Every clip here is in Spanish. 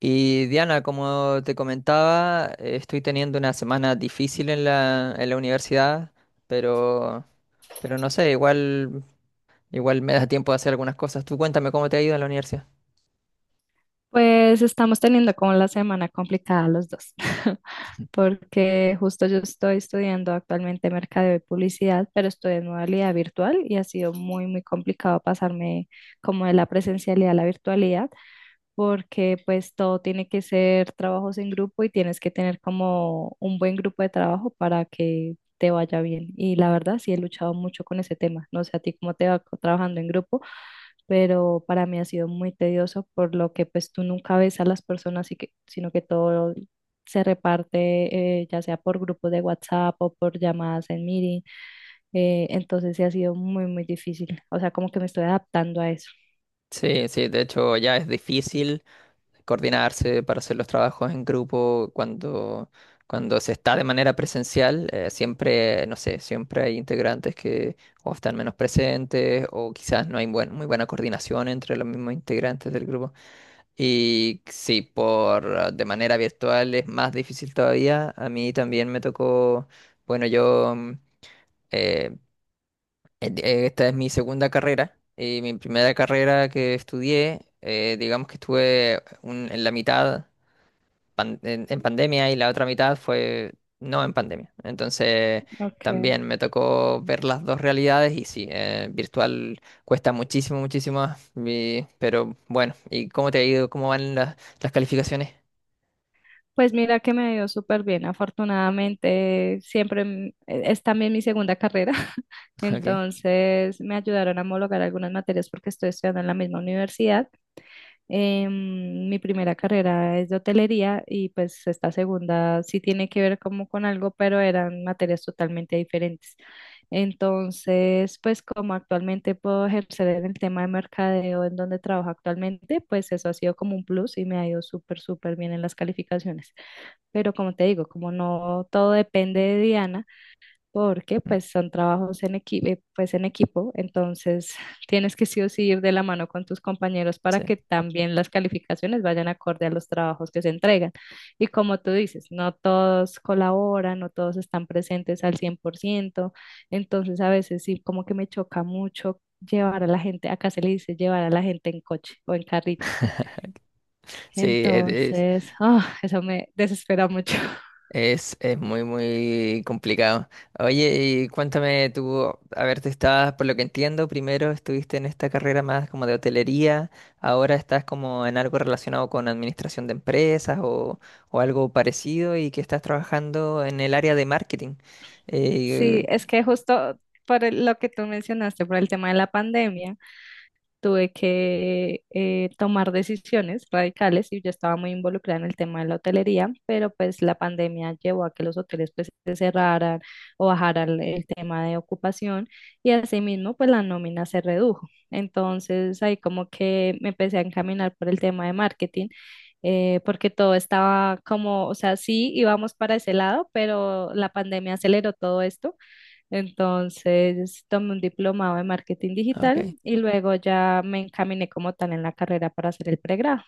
Y Diana, como te comentaba, estoy teniendo una semana difícil en en la universidad, pero, pero no sé, igual me da tiempo de hacer algunas cosas. Tú cuéntame cómo te ha ido en la universidad. Pues estamos teniendo como la semana complicada los dos, porque justo yo estoy estudiando actualmente mercadeo y publicidad, pero estoy en modalidad virtual y ha sido muy, muy complicado pasarme como de la presencialidad a la virtualidad porque pues todo tiene que ser trabajos en grupo y tienes que tener como un buen grupo de trabajo para que te vaya bien. Y la verdad sí he luchado mucho con ese tema. No sé a ti cómo te va trabajando en grupo, pero para mí ha sido muy tedioso por lo que pues tú nunca ves a las personas, y que, sino que todo se reparte ya sea por grupos de WhatsApp o por llamadas en meeting. Entonces sí ha sido muy, muy difícil. O sea, como que me estoy adaptando a eso. Sí, sí, de hecho ya es difícil coordinarse para hacer los trabajos en grupo cuando se está de manera presencial. Siempre, no sé, siempre hay integrantes que o están menos presentes o quizás no hay muy buena coordinación entre los mismos integrantes del grupo. Y sí, por de manera virtual es más difícil todavía. A mí también me tocó, bueno, eh, Esta es mi segunda carrera. Mi primera carrera que estudié, digamos que estuve en la mitad en pandemia y la otra mitad fue no en pandemia. Entonces Ok. también me tocó ver las dos realidades y sí, virtual cuesta muchísimo, muchísimo más. Pero bueno, ¿y cómo te ha ido? ¿Cómo van las calificaciones? Pues mira que me dio súper bien, afortunadamente siempre es también mi segunda carrera, Ok. entonces me ayudaron a homologar algunas materias porque estoy estudiando en la misma universidad. Mi primera carrera es de hotelería y pues esta segunda sí tiene que ver como con algo, pero eran materias totalmente diferentes. Entonces, pues como actualmente puedo ejercer en el tema de mercadeo en donde trabajo actualmente, pues eso ha sido como un plus y me ha ido súper, súper bien en las calificaciones. Pero como te digo, como no todo depende de Diana, porque Mm. pues son trabajos en equipo, pues en equipo, entonces tienes que sí o sí ir de la mano con tus compañeros para que también las calificaciones vayan acorde a los trabajos que se entregan. Y como tú dices, no todos colaboran, no todos están presentes al 100%, entonces a veces sí como que me choca mucho llevar a la gente, acá se le dice llevar a la gente en coche o en carrito. Sí, sí. Entonces, eso me desespera mucho. Es muy, muy complicado. Oye, y cuéntame tú, a ver, tú estabas, por lo que entiendo, primero estuviste en esta carrera más como de hotelería, ahora estás como en algo relacionado con administración de empresas o algo parecido y que estás trabajando en el área de marketing. Sí, Eh, es que justo por lo que tú mencionaste, por el tema de la pandemia, tuve que tomar decisiones radicales y yo estaba muy involucrada en el tema de la hotelería, pero pues la pandemia llevó a que los hoteles pues se cerraran o bajaran el tema de ocupación y asimismo pues la nómina se redujo. Entonces ahí como que me empecé a encaminar por el tema de marketing, porque todo estaba como, o sea, sí íbamos para ese lado, pero la pandemia aceleró todo esto, entonces tomé un diplomado de marketing digital ok. y luego ya me encaminé como tal en la carrera para hacer el pregrado.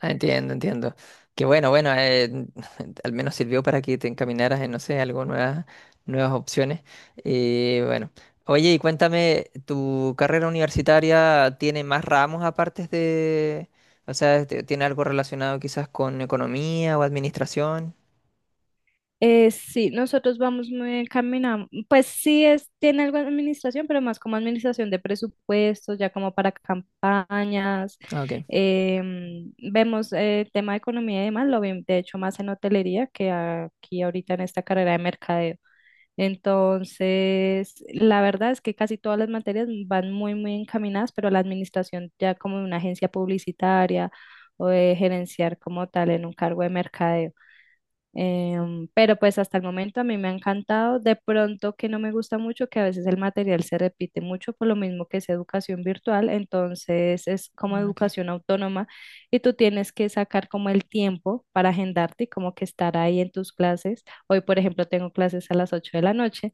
Ah, entiendo, entiendo. Que bueno, bueno, al menos sirvió para que te encaminaras en, no sé, algo nuevas opciones. Y bueno, oye, y cuéntame, ¿tu carrera universitaria tiene más ramos aparte de, o sea, este, tiene algo relacionado quizás con economía o administración? Sí, nosotros vamos muy encaminados. Pues sí, es, tiene algo de administración, pero más como administración de presupuestos, ya como para campañas. Ah, ok. Vemos el tema de economía y demás, lo vi de hecho más en hotelería que aquí ahorita en esta carrera de mercadeo. Entonces, la verdad es que casi todas las materias van muy, muy encaminadas, pero la administración ya como de una agencia publicitaria o de gerenciar como tal en un cargo de mercadeo. Pero pues hasta el momento a mí me ha encantado. De pronto que no me gusta mucho, que a veces el material se repite mucho por lo mismo que es educación virtual, entonces es como Ok, educación autónoma y tú tienes que sacar como el tiempo para agendarte y como que estar ahí en tus clases. Hoy, por ejemplo, tengo clases a las 8 de la noche.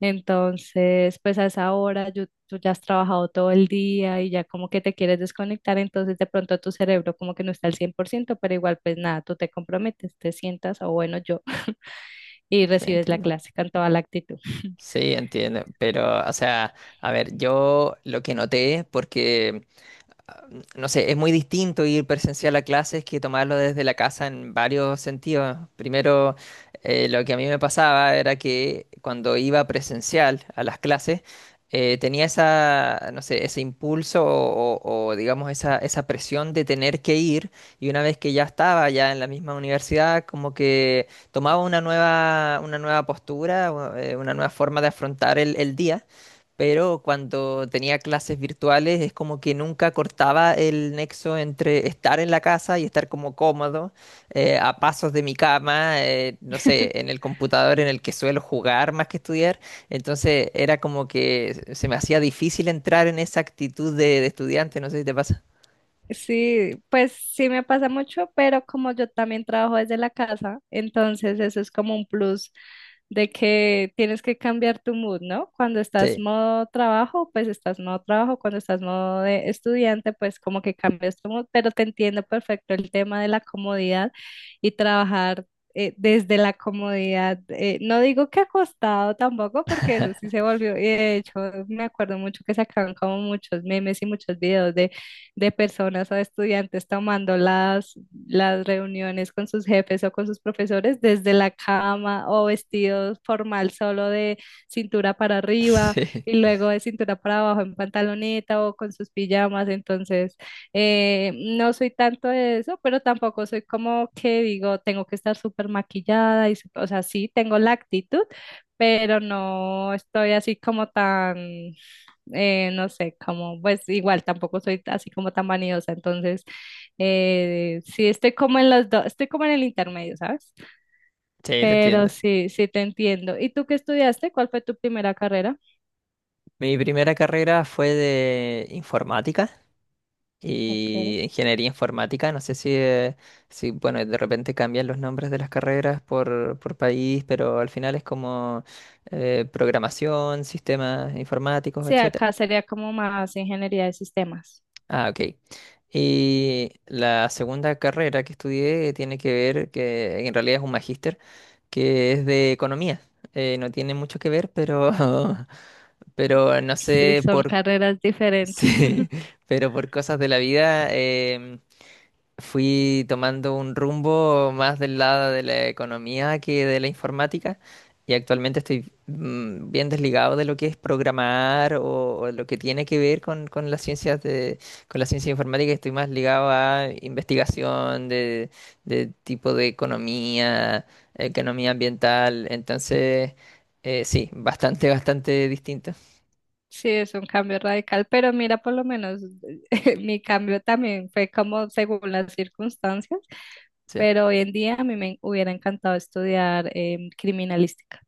Entonces, pues a esa hora yo- tú ya has trabajado todo el día y ya como que te quieres desconectar, entonces de pronto tu cerebro como que no está al 100%, pero igual pues nada, tú te comprometes, te sientas o bueno yo y sí, recibes la entiendo. clase con toda la actitud. Sí, entiendo, pero, o sea, a ver, yo lo que noté, porque ah, no sé, es muy distinto ir presencial a clases que tomarlo desde la casa en varios sentidos. Primero, lo que a mí me pasaba era que cuando iba presencial a las clases, tenía esa, no sé, ese impulso o, digamos esa presión de tener que ir y una vez que ya estaba ya en la misma universidad, como que tomaba una una nueva postura, o, una nueva forma de afrontar el día, pero cuando tenía clases virtuales es como que nunca cortaba el nexo entre estar en la casa y estar como cómodo, a pasos de mi cama, no sé, en el computador en el que suelo jugar más que estudiar. Entonces era como que se me hacía difícil entrar en esa actitud de estudiante, no sé si te pasa. Sí, pues sí me pasa mucho, pero como yo también trabajo desde la casa, entonces eso es como un plus de que tienes que cambiar tu mood, ¿no? Cuando estás Sí, modo trabajo, pues estás modo trabajo, cuando estás modo de estudiante, pues como que cambias tu mood, pero te entiendo perfecto el tema de la comodidad y trabajar desde la comodidad. No digo que acostado tampoco, porque eso sí se volvió, y de hecho me acuerdo mucho que sacaban como muchos memes y muchos videos de personas a estudiantes tomando las reuniones con sus jefes o con sus profesores desde la cama o vestidos formal solo de cintura para arriba sí, y sí, luego de cintura para abajo en pantaloneta o con sus pijamas. Entonces, eh, no soy tanto de eso, pero tampoco soy como que digo, tengo que estar súper maquillada y, o sea, sí, tengo la actitud, pero no estoy así como tan no sé, como, pues igual tampoco soy así como tan vanidosa, entonces sí estoy como en los dos, estoy como en el intermedio, ¿sabes? te Pero entiendo. sí, sí te entiendo. ¿Y tú qué estudiaste? ¿Cuál fue tu primera carrera? Mi primera carrera fue de informática. Okay. Y ingeniería informática, no sé si, si, bueno, de repente cambian los nombres de las carreras por país, pero al final es como programación, sistemas informáticos, Sí, etcétera. acá sería como más ingeniería de sistemas. Ah, ok. Y la segunda carrera que estudié tiene que ver, que en realidad es un magíster, que es de economía. No tiene mucho que ver, pero, pero no Sí, sé son por, carreras diferentes. sí, pero por cosas de la vida. Em, fui tomando un rumbo más del lado de la economía que de la informática y actualmente estoy mm, bien desligado de lo que es programar o lo que tiene que ver con las ciencias de, con la ciencia informática. Estoy más ligado a investigación de tipo de economía, economía ambiental. Entonces, sí, bastante, bastante distinto. Sí, es un cambio radical, pero mira, por lo menos mi cambio también fue como según las circunstancias. Sí. Pero hoy en día a mí me hubiera encantado estudiar criminalística.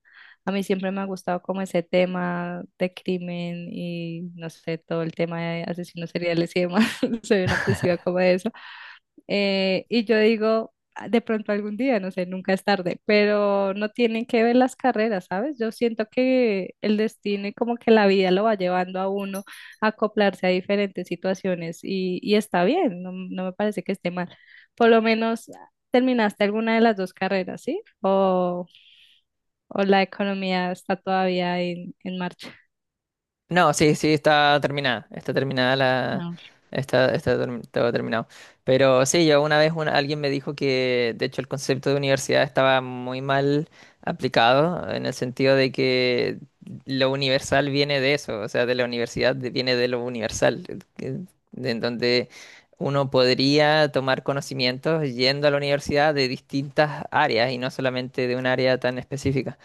A mí siempre me ha gustado como ese tema de crimen y no sé, todo el tema de asesinos seriales y demás. Soy una obsesiva como de eso. Y yo digo: "Ah, de pronto algún día, no sé, nunca es tarde, pero no tienen que ver las carreras, ¿sabes?". Yo siento que el destino y como que la vida lo va llevando a uno a acoplarse a diferentes situaciones y está bien, no, no me parece que esté mal. Por lo menos terminaste alguna de las dos carreras, ¿sí? O la economía está todavía en marcha. No, sí, sí, está terminada. Está terminada la. No. Todo terminado. Pero sí, yo una vez alguien me dijo que, de hecho, el concepto de universidad estaba muy mal aplicado, en el sentido de que lo universal viene de eso, o sea, de la universidad viene de lo universal, de en donde uno podría tomar conocimientos yendo a la universidad de distintas áreas y no solamente de un área tan específica.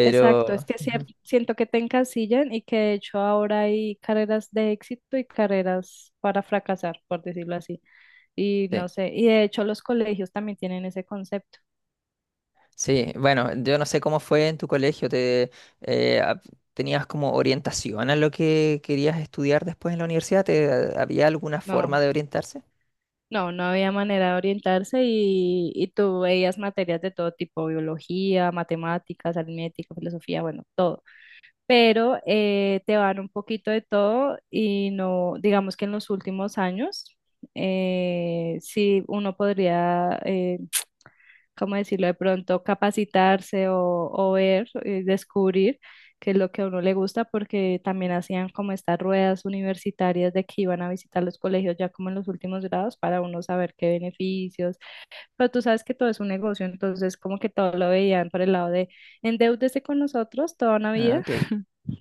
Exacto, es que siento que te encasillan y que de hecho ahora hay carreras de éxito y carreras para fracasar, por decirlo así. Y Sí. no sé, y de hecho los colegios también tienen ese concepto. Sí, bueno, yo no sé cómo fue en tu colegio, te, eh, ap- ¿tenías como orientación a lo que querías estudiar después en la universidad? ¿Te, había alguna forma No, de orientarse? no, no había manera de orientarse y tú veías materias de todo tipo, biología, matemáticas, aritmética, filosofía, bueno, todo. Pero te van un poquito de todo y no, digamos que en los últimos años, sí uno podría, ¿cómo decirlo? De pronto capacitarse o ver, descubrir qué es lo que a uno le gusta, porque también hacían como estas ruedas universitarias de que iban a visitar los colegios ya como en los últimos grados para uno saber qué beneficios, pero tú sabes que todo es un negocio, entonces como que todo lo veían por el lado de endeúdese con nosotros toda una Ah, vida ok.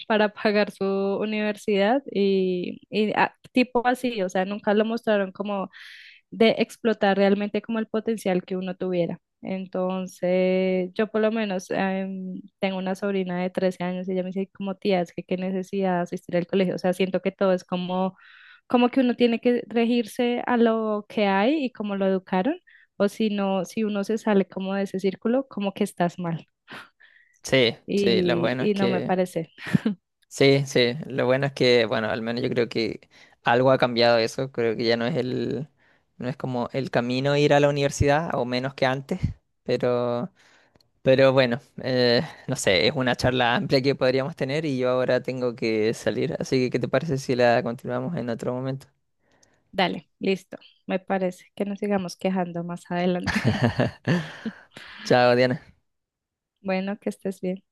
para pagar su universidad y, tipo así, o sea, nunca lo mostraron como de explotar realmente como el potencial que uno tuviera. Entonces, yo por lo menos tengo una sobrina de 13 años y ella me dice como tía, es que qué necesidad de asistir al colegio, o sea, siento que todo es como, como que uno tiene que regirse a lo que hay y como lo educaron, o si no, si uno se sale como de ese círculo, como que estás mal Sí, sí, lo y, bueno es y no me que, parece. sí, sí, lo bueno es que, bueno, al menos yo creo que algo ha cambiado eso, creo que ya no es el, no es como el camino ir a la universidad, o menos que antes, pero... Pero bueno, no sé, es una charla amplia que podríamos tener y yo ahora tengo que salir, así que ¿qué te parece si la continuamos en otro momento? Dale, listo. Me parece que nos sigamos quejando más adelante. Chao, Diana. Bueno, que estés bien.